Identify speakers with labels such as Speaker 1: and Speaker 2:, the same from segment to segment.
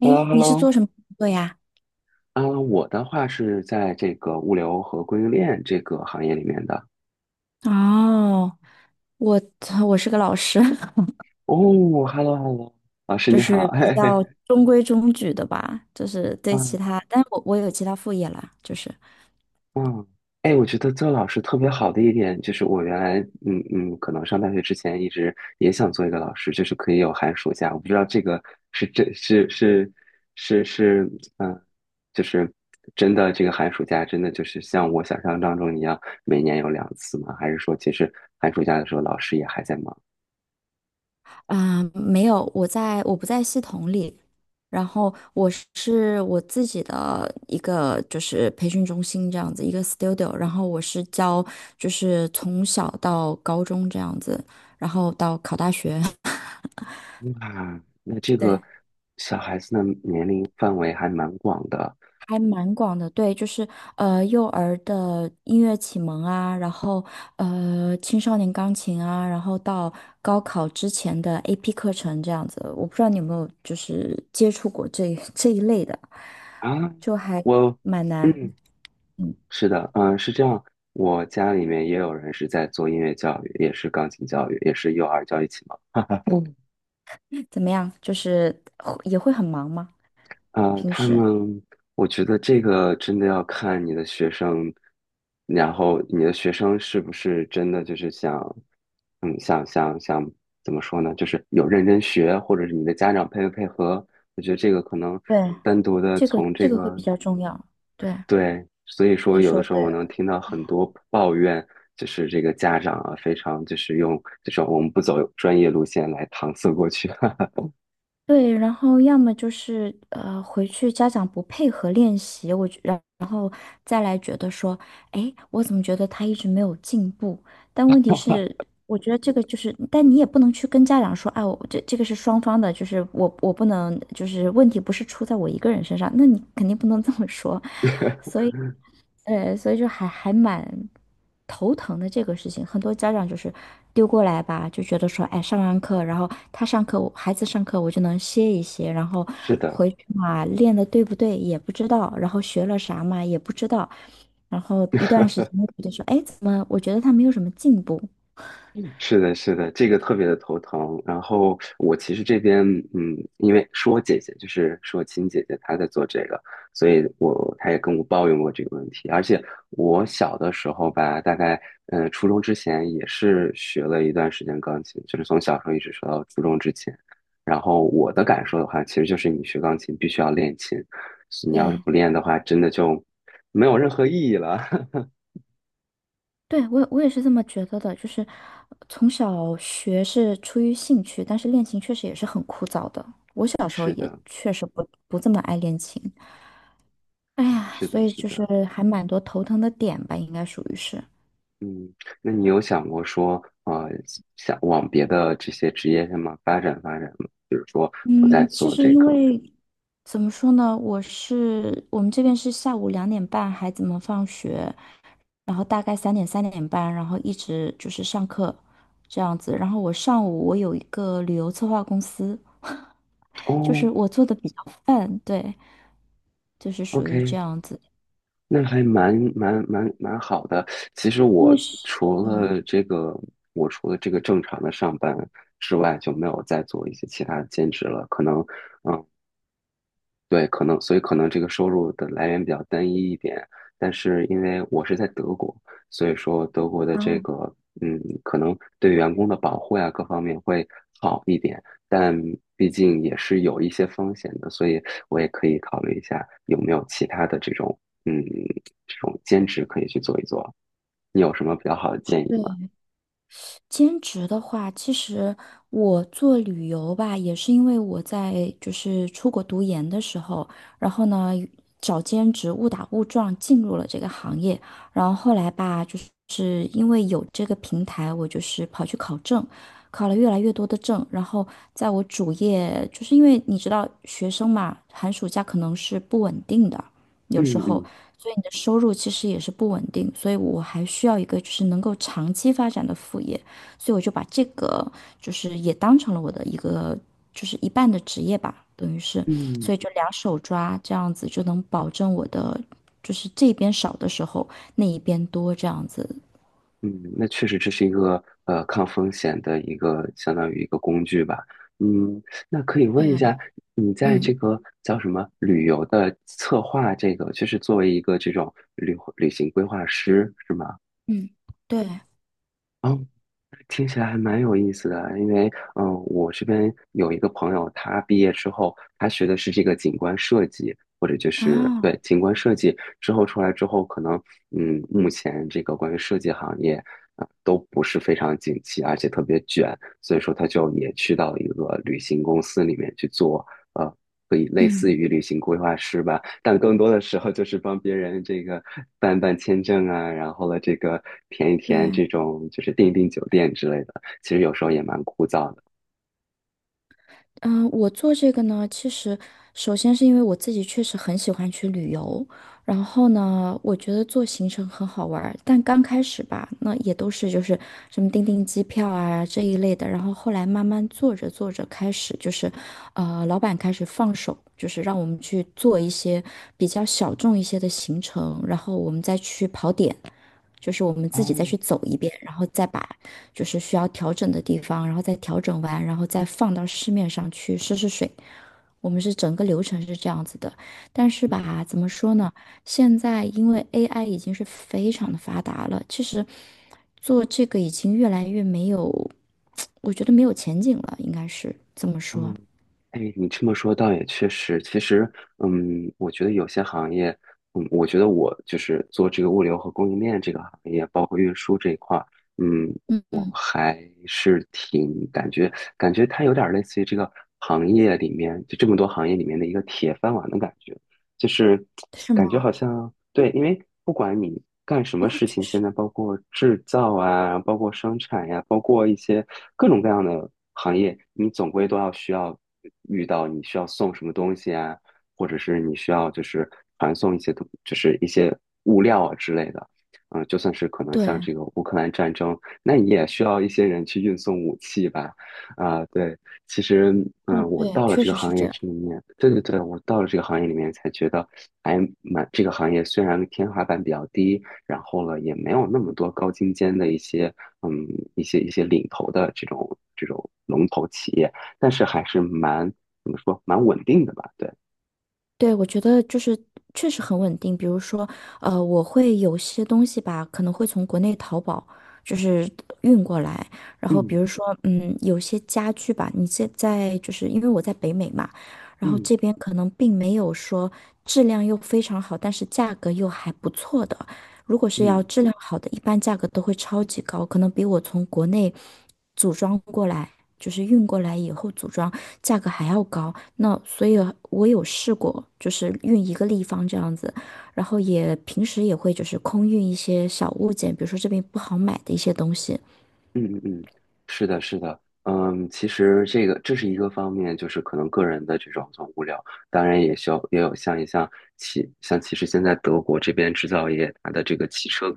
Speaker 1: 诶，你是
Speaker 2: Hello，Hello，
Speaker 1: 做什么工作呀？
Speaker 2: 啊，我的话是在这个物流和供应链这个行业里面的。
Speaker 1: 哦，我我是个老师，
Speaker 2: 哦，Hello，Hello，老师
Speaker 1: 就
Speaker 2: 你好，
Speaker 1: 是 比
Speaker 2: 嘿嘿，
Speaker 1: 较中规中矩的吧，就是对其
Speaker 2: 嗯
Speaker 1: 他，但是我有其他副业啦，就是
Speaker 2: 嗯，哎，我觉得做老师特别好的一点就是，我原来可能上大学之前一直也想做一个老师，就是可以有寒暑假。我不知道这个是真是是是是，嗯，就是真的这个寒暑假真的就是像我想象当中一样，每年有两次吗？还是说其实寒暑假的时候老师也还在忙？
Speaker 1: 没有，我不在系统里，然后我自己的一个就是培训中心这样子一个 studio，然后我是教就是从小到高中这样子，然后到考大学，
Speaker 2: 哇，那这个
Speaker 1: 对。
Speaker 2: 小孩子的年龄范围还蛮广的
Speaker 1: 还蛮广的，对，就是幼儿的音乐启蒙啊，然后青少年钢琴啊，然后到高考之前的 AP 课程这样子，我不知道你有没有就是接触过这 这一类的，
Speaker 2: 啊。
Speaker 1: 就还
Speaker 2: 我，
Speaker 1: 蛮难，
Speaker 2: 嗯，
Speaker 1: 嗯，
Speaker 2: 是的，嗯，是这样。我家里面也有人是在做音乐教育，也是钢琴教育，也是幼儿教育启蒙。
Speaker 1: 怎么样？就是会也会很忙吗？
Speaker 2: 啊，
Speaker 1: 平时？
Speaker 2: 我觉得这个真的要看你的学生，然后你的学生是不是真的就是想，嗯，想想想怎么说呢？就是有认真学，或者是你的家长配不配合？我觉得这个可能
Speaker 1: 对，
Speaker 2: 单独的
Speaker 1: 这个
Speaker 2: 从
Speaker 1: 这
Speaker 2: 这
Speaker 1: 个会比
Speaker 2: 个，
Speaker 1: 较重要，对，
Speaker 2: 对，所以说
Speaker 1: 你
Speaker 2: 有的
Speaker 1: 说
Speaker 2: 时候我
Speaker 1: 对。
Speaker 2: 能听到很多抱怨，就是这个家长啊，非常就是用这种我们不走专业路线来搪塞过去。
Speaker 1: 对，然后要么就是回去家长不配合练习，我觉然然后再来觉得说，哎，我怎么觉得他一直没有进步？但问题是，我觉得这个就是，但你也不能去跟家长说，啊，我这个是双方的，就是我不能，就是问题不是出在我一个人身上，那你肯定不能这么说，所以，所以就还蛮头疼的这个事情。很多家长就是丢过来吧，就觉得说，哎，上完课，然后他上课，我孩子上课，我就能歇一歇，然后
Speaker 2: 是的。
Speaker 1: 回去嘛，练的对不对也不知道，然后学了啥嘛也不知道，然后一段时间就觉得说，哎，怎么我觉得他没有什么进步？
Speaker 2: 是的，是的，这个特别的头疼。然后我其实这边，嗯，因为是我姐姐，就是是我亲姐姐，她在做这个，所以她也跟我抱怨过这个问题。而且我小的时候吧，大概初中之前也是学了一段时间钢琴，就是从小时候一直学到初中之前。然后我的感受的话，其实就是你学钢琴必须要练琴，你要是
Speaker 1: 对，
Speaker 2: 不练的话，真的就没有任何意义了。
Speaker 1: 对，我也是这么觉得的，就是从小学是出于兴趣，但是练琴确实也是很枯燥的。我小时候
Speaker 2: 是
Speaker 1: 也
Speaker 2: 的，
Speaker 1: 确实不这么爱练琴，哎呀，
Speaker 2: 是
Speaker 1: 所
Speaker 2: 的，
Speaker 1: 以
Speaker 2: 是
Speaker 1: 就是
Speaker 2: 的。
Speaker 1: 还蛮多头疼的点吧，应该属于是。
Speaker 2: 嗯，那你有想过说，想往别的这些职业上面发展发展吗？比如说，我在
Speaker 1: 嗯，其
Speaker 2: 做
Speaker 1: 实
Speaker 2: 这
Speaker 1: 因
Speaker 2: 个，
Speaker 1: 为怎么说呢，我们这边是下午2点半孩子们放学，然后大概3点半，然后一直就是上课这样子。然后我上午我有一个旅游策划公司。就是
Speaker 2: 哦
Speaker 1: 我做的比较 泛，对，就是属于这
Speaker 2: ，OK，
Speaker 1: 样子。
Speaker 2: 那还蛮好的。其实
Speaker 1: 因为是，
Speaker 2: 除
Speaker 1: 对，
Speaker 2: 了这个，我除了这个正常的上班之外，就没有再做一些其他的兼职了。可能，呃对，可能，所以可能这个收入的来源比较单一一点，但是因为我是在德国，所以说德国的这
Speaker 1: 啊，
Speaker 2: 个，可能对员工的保护呀，各方面会好一点，但毕竟也是有一些风险的，所以我也可以考虑一下有没有其他的这种，嗯，这种兼职可以去做一做。你有什么比较好的建议吗？
Speaker 1: 对，兼职的话，其实我做旅游吧，也是因为我在就是出国读研的时候，然后呢找兼职，误打误撞进入了这个行业，然后后来吧，就是因为有这个平台，我就是跑去考证，考了越来越多的证，然后在我主业，就是因为你知道学生嘛，寒暑假可能是不稳定的，有
Speaker 2: 嗯
Speaker 1: 时候。
Speaker 2: 嗯。
Speaker 1: 所以你的收入其实也是不稳定，所以我还需要一个就是能够长期发展的副业。所以我就把这个就是也当成了我的一个就是一半的职业吧，等于是，所
Speaker 2: 嗯，
Speaker 1: 以就两手抓这样子就能保证我的就是这边少的时候那一边多这样子。
Speaker 2: 嗯，那确实这是一个抗风险的一个相当于一个工具吧。嗯，那可以问一
Speaker 1: 对，
Speaker 2: 下，你在这
Speaker 1: 嗯
Speaker 2: 个叫什么旅游的策划这个，就是作为一个这种旅行规划师是吗？
Speaker 1: 嗯，对
Speaker 2: 哦，听起来还蛮有意思的，因为我这边有一个朋友，他毕业之后，他学的是这个景观设计，或者就是
Speaker 1: 啊，
Speaker 2: 对景观设计之后出来之后，可能目前这个关于设计行业。都不是非常景气，而且特别卷，所以说他就也去到一个旅行公司里面去做，呃，可以类似
Speaker 1: 嗯
Speaker 2: 于旅行规划师吧，但更多的时候就是帮别人这个办办签证啊，然后了这个填一填
Speaker 1: 对。
Speaker 2: 这种就是订一订酒店之类的，其实有时候也蛮枯燥的。
Speaker 1: 嗯，我做这个呢，其实首先是因为我自己确实很喜欢去旅游，然后呢，我觉得做行程很好玩儿但刚开始吧，那也都是就是什么订机票啊这一类的，然后后来慢慢做着做着开始就是，老板开始放手，就是让我们去做一些比较小众一些的行程，然后我们再去跑点，就是我们自己再
Speaker 2: 哦，
Speaker 1: 去走一遍，然后再把。就是需要调整的地方，然后再调整完，然后再放到市面上去试试水。我们是整个流程是这样子的，但是吧，怎么说呢？现在因为 AI 已经是非常的发达了，其实做这个已经越来越没有，我觉得没有前景了，应该是这么
Speaker 2: 嗯。
Speaker 1: 说。
Speaker 2: 哎，你这么说倒也确实。其实，我觉得有些行业，我觉得我就是做这个物流和供应链这个行业，包括运输这一块儿，嗯，我
Speaker 1: 嗯，
Speaker 2: 还是挺感觉它有点儿类似于这个行业里面就这么多行业里面的一个铁饭碗的感觉。就是
Speaker 1: 是
Speaker 2: 感觉
Speaker 1: 吗？
Speaker 2: 好像对，因为不管你干什
Speaker 1: 不
Speaker 2: 么
Speaker 1: 过
Speaker 2: 事
Speaker 1: 确
Speaker 2: 情，现
Speaker 1: 实，
Speaker 2: 在包括制造啊，包括生产呀、包括一些各种各样的行业，你总归都要需要遇到你需要送什么东西啊，或者是你需要就是传送一些就是一些物料啊之类的。就算是可能像
Speaker 1: 对，
Speaker 2: 这个乌克兰战争，那你也需要一些人去运送武器吧。啊，对，其实，
Speaker 1: 哦，
Speaker 2: 我
Speaker 1: 对，
Speaker 2: 到了
Speaker 1: 确
Speaker 2: 这
Speaker 1: 实
Speaker 2: 个
Speaker 1: 是
Speaker 2: 行业
Speaker 1: 这样。
Speaker 2: 里面，对对对，我到了这个行业里面才觉得还蛮这个行业虽然天花板比较低，然后呢，也没有那么多高精尖的一些，嗯，一些领头的这种龙头企业，但是还是蛮怎么说蛮稳定的吧？对，
Speaker 1: 对，我觉得就是确实很稳定。比如说，我会有些东西吧，可能会从国内淘宝就是运过来。然后比如
Speaker 2: 嗯
Speaker 1: 说，嗯，有些家具吧，你现在就是因为我在北美嘛，然后
Speaker 2: 嗯
Speaker 1: 这边可能并没有说质量又非常好，但是价格又还不错的。如果是要
Speaker 2: 嗯。
Speaker 1: 质量好的，一般价格都会超级高，可能比我从国内组装过来。就是运过来以后组装，价格还要高。那所以我有试过，就是运一个立方这样子，然后也平时也会就是空运一些小物件，比如说这边不好买的一些东西。
Speaker 2: 嗯嗯嗯，是的，是的，其实这是一个方面，就是可能个人的这种无聊，当然也需要也有像一像汽像其实现在德国这边制造业它的这个汽车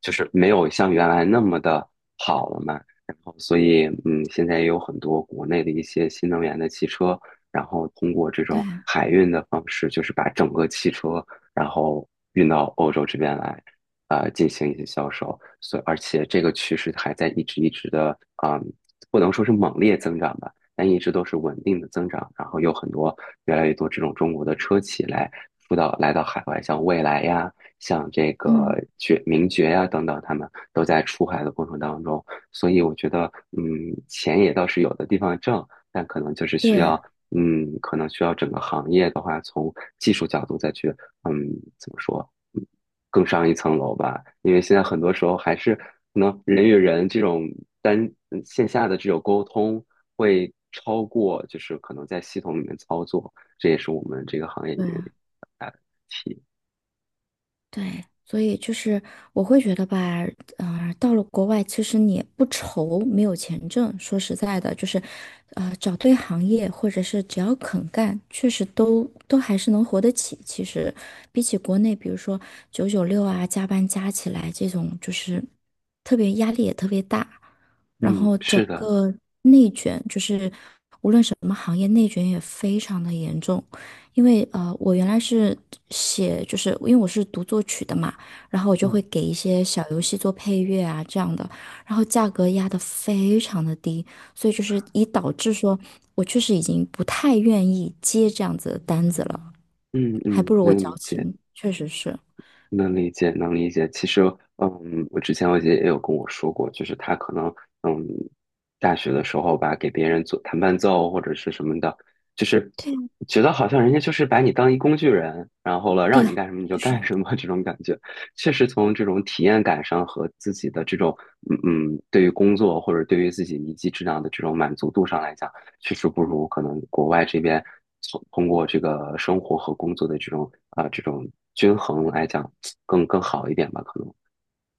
Speaker 2: 就是没有像原来那么的好了嘛。然后，所以现在也有很多国内的一些新能源的汽车，然后通过这
Speaker 1: 对，
Speaker 2: 种海运的方式，就是把整个汽车然后运到欧洲这边来，进行一些销售。所以，而且这个趋势还在一直一直的，嗯，不能说是猛烈增长吧。但一直都是稳定的增长，然后有很多越来越多这种中国的车企来来到海外，像蔚来呀，像这个
Speaker 1: 嗯，
Speaker 2: 名爵呀、等等，他们都在出海的过程当中，所以我觉得，嗯，钱也倒是有的地方挣，但可能就是需要，
Speaker 1: 对
Speaker 2: 可能需要整个行业的话，从技术角度再去，嗯，怎么说，嗯更上一层楼吧。因为现在很多时候还是可能人与人这种单线下的这种沟通会超过，就是可能在系统里面操作，这也是我们这个行业里面的一个
Speaker 1: 对。
Speaker 2: 题。
Speaker 1: 对，所以就是我会觉得吧，到了国外，其实你不愁没有钱挣。说实在的，就是，找对行业，或者是只要肯干，确实都还是能活得起。其实，比起国内，比如说996啊，加班加起来这种，就是特别压力也特别大，然
Speaker 2: 嗯，
Speaker 1: 后整
Speaker 2: 是的，
Speaker 1: 个内卷，就是无论什么行业，内卷也非常的严重。因为我原来是写，就是因为我是读作曲的嘛，然后我就会
Speaker 2: 嗯。
Speaker 1: 给一些小游戏做配乐啊这样的，然后价格压得非常的低，所以就是以导致说我确实已经不太愿意接这样子的单子了，
Speaker 2: 嗯
Speaker 1: 还不
Speaker 2: 嗯，
Speaker 1: 如我
Speaker 2: 能
Speaker 1: 矫
Speaker 2: 理解，
Speaker 1: 情，确实是，
Speaker 2: 能理解，能理解。其实，我之前我姐也有跟我说过，就是她可能，嗯，大学的时候吧，给别人做弹伴奏或者是什么的，就是
Speaker 1: 对
Speaker 2: 觉得好像人家就是把你当一工具人，然后了
Speaker 1: 对，
Speaker 2: 让你干什么你就
Speaker 1: 确
Speaker 2: 干
Speaker 1: 实。
Speaker 2: 什么 这种感觉。确实，从这种体验感上和自己的这种，对于工作或者对于自己一技之长的这种满足度上来讲。确实不如可能国外这边从通过这个生活和工作的这种这种均衡来讲更好一点吧，可能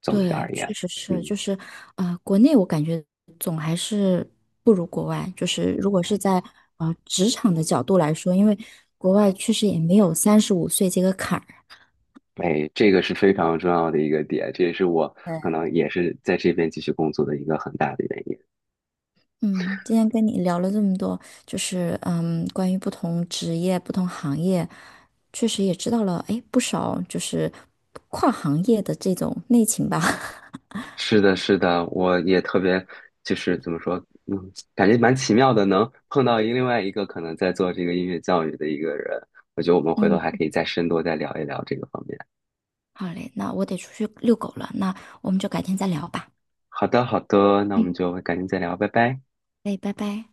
Speaker 2: 总体
Speaker 1: 对，
Speaker 2: 而言，
Speaker 1: 确实是，就
Speaker 2: 嗯。
Speaker 1: 是国内我感觉总还是不如国外。就是如果是在职场的角度来说，因为国外确实也没有35岁这个坎儿。
Speaker 2: 哎，这个是非常重要的一个点，这也是我
Speaker 1: 对，
Speaker 2: 可能也是在这边继续工作的一个很大的原因。
Speaker 1: 嗯，今天跟你聊了这么多，就是嗯，关于不同职业、不同行业，确实也知道了哎不少，就是跨行业的这种内情吧。
Speaker 2: 是的，是的，我也特别就是怎么说，感觉蛮奇妙的，能碰到另外一个可能在做这个音乐教育的一个人，我觉得我们回头
Speaker 1: 嗯，
Speaker 2: 还可以再深度再聊一聊这个方面。
Speaker 1: 好嘞，那我得出去遛狗了，那我们就改天再聊吧。
Speaker 2: 好的，好的，那我们就改天再聊，拜拜。
Speaker 1: 哎，拜拜。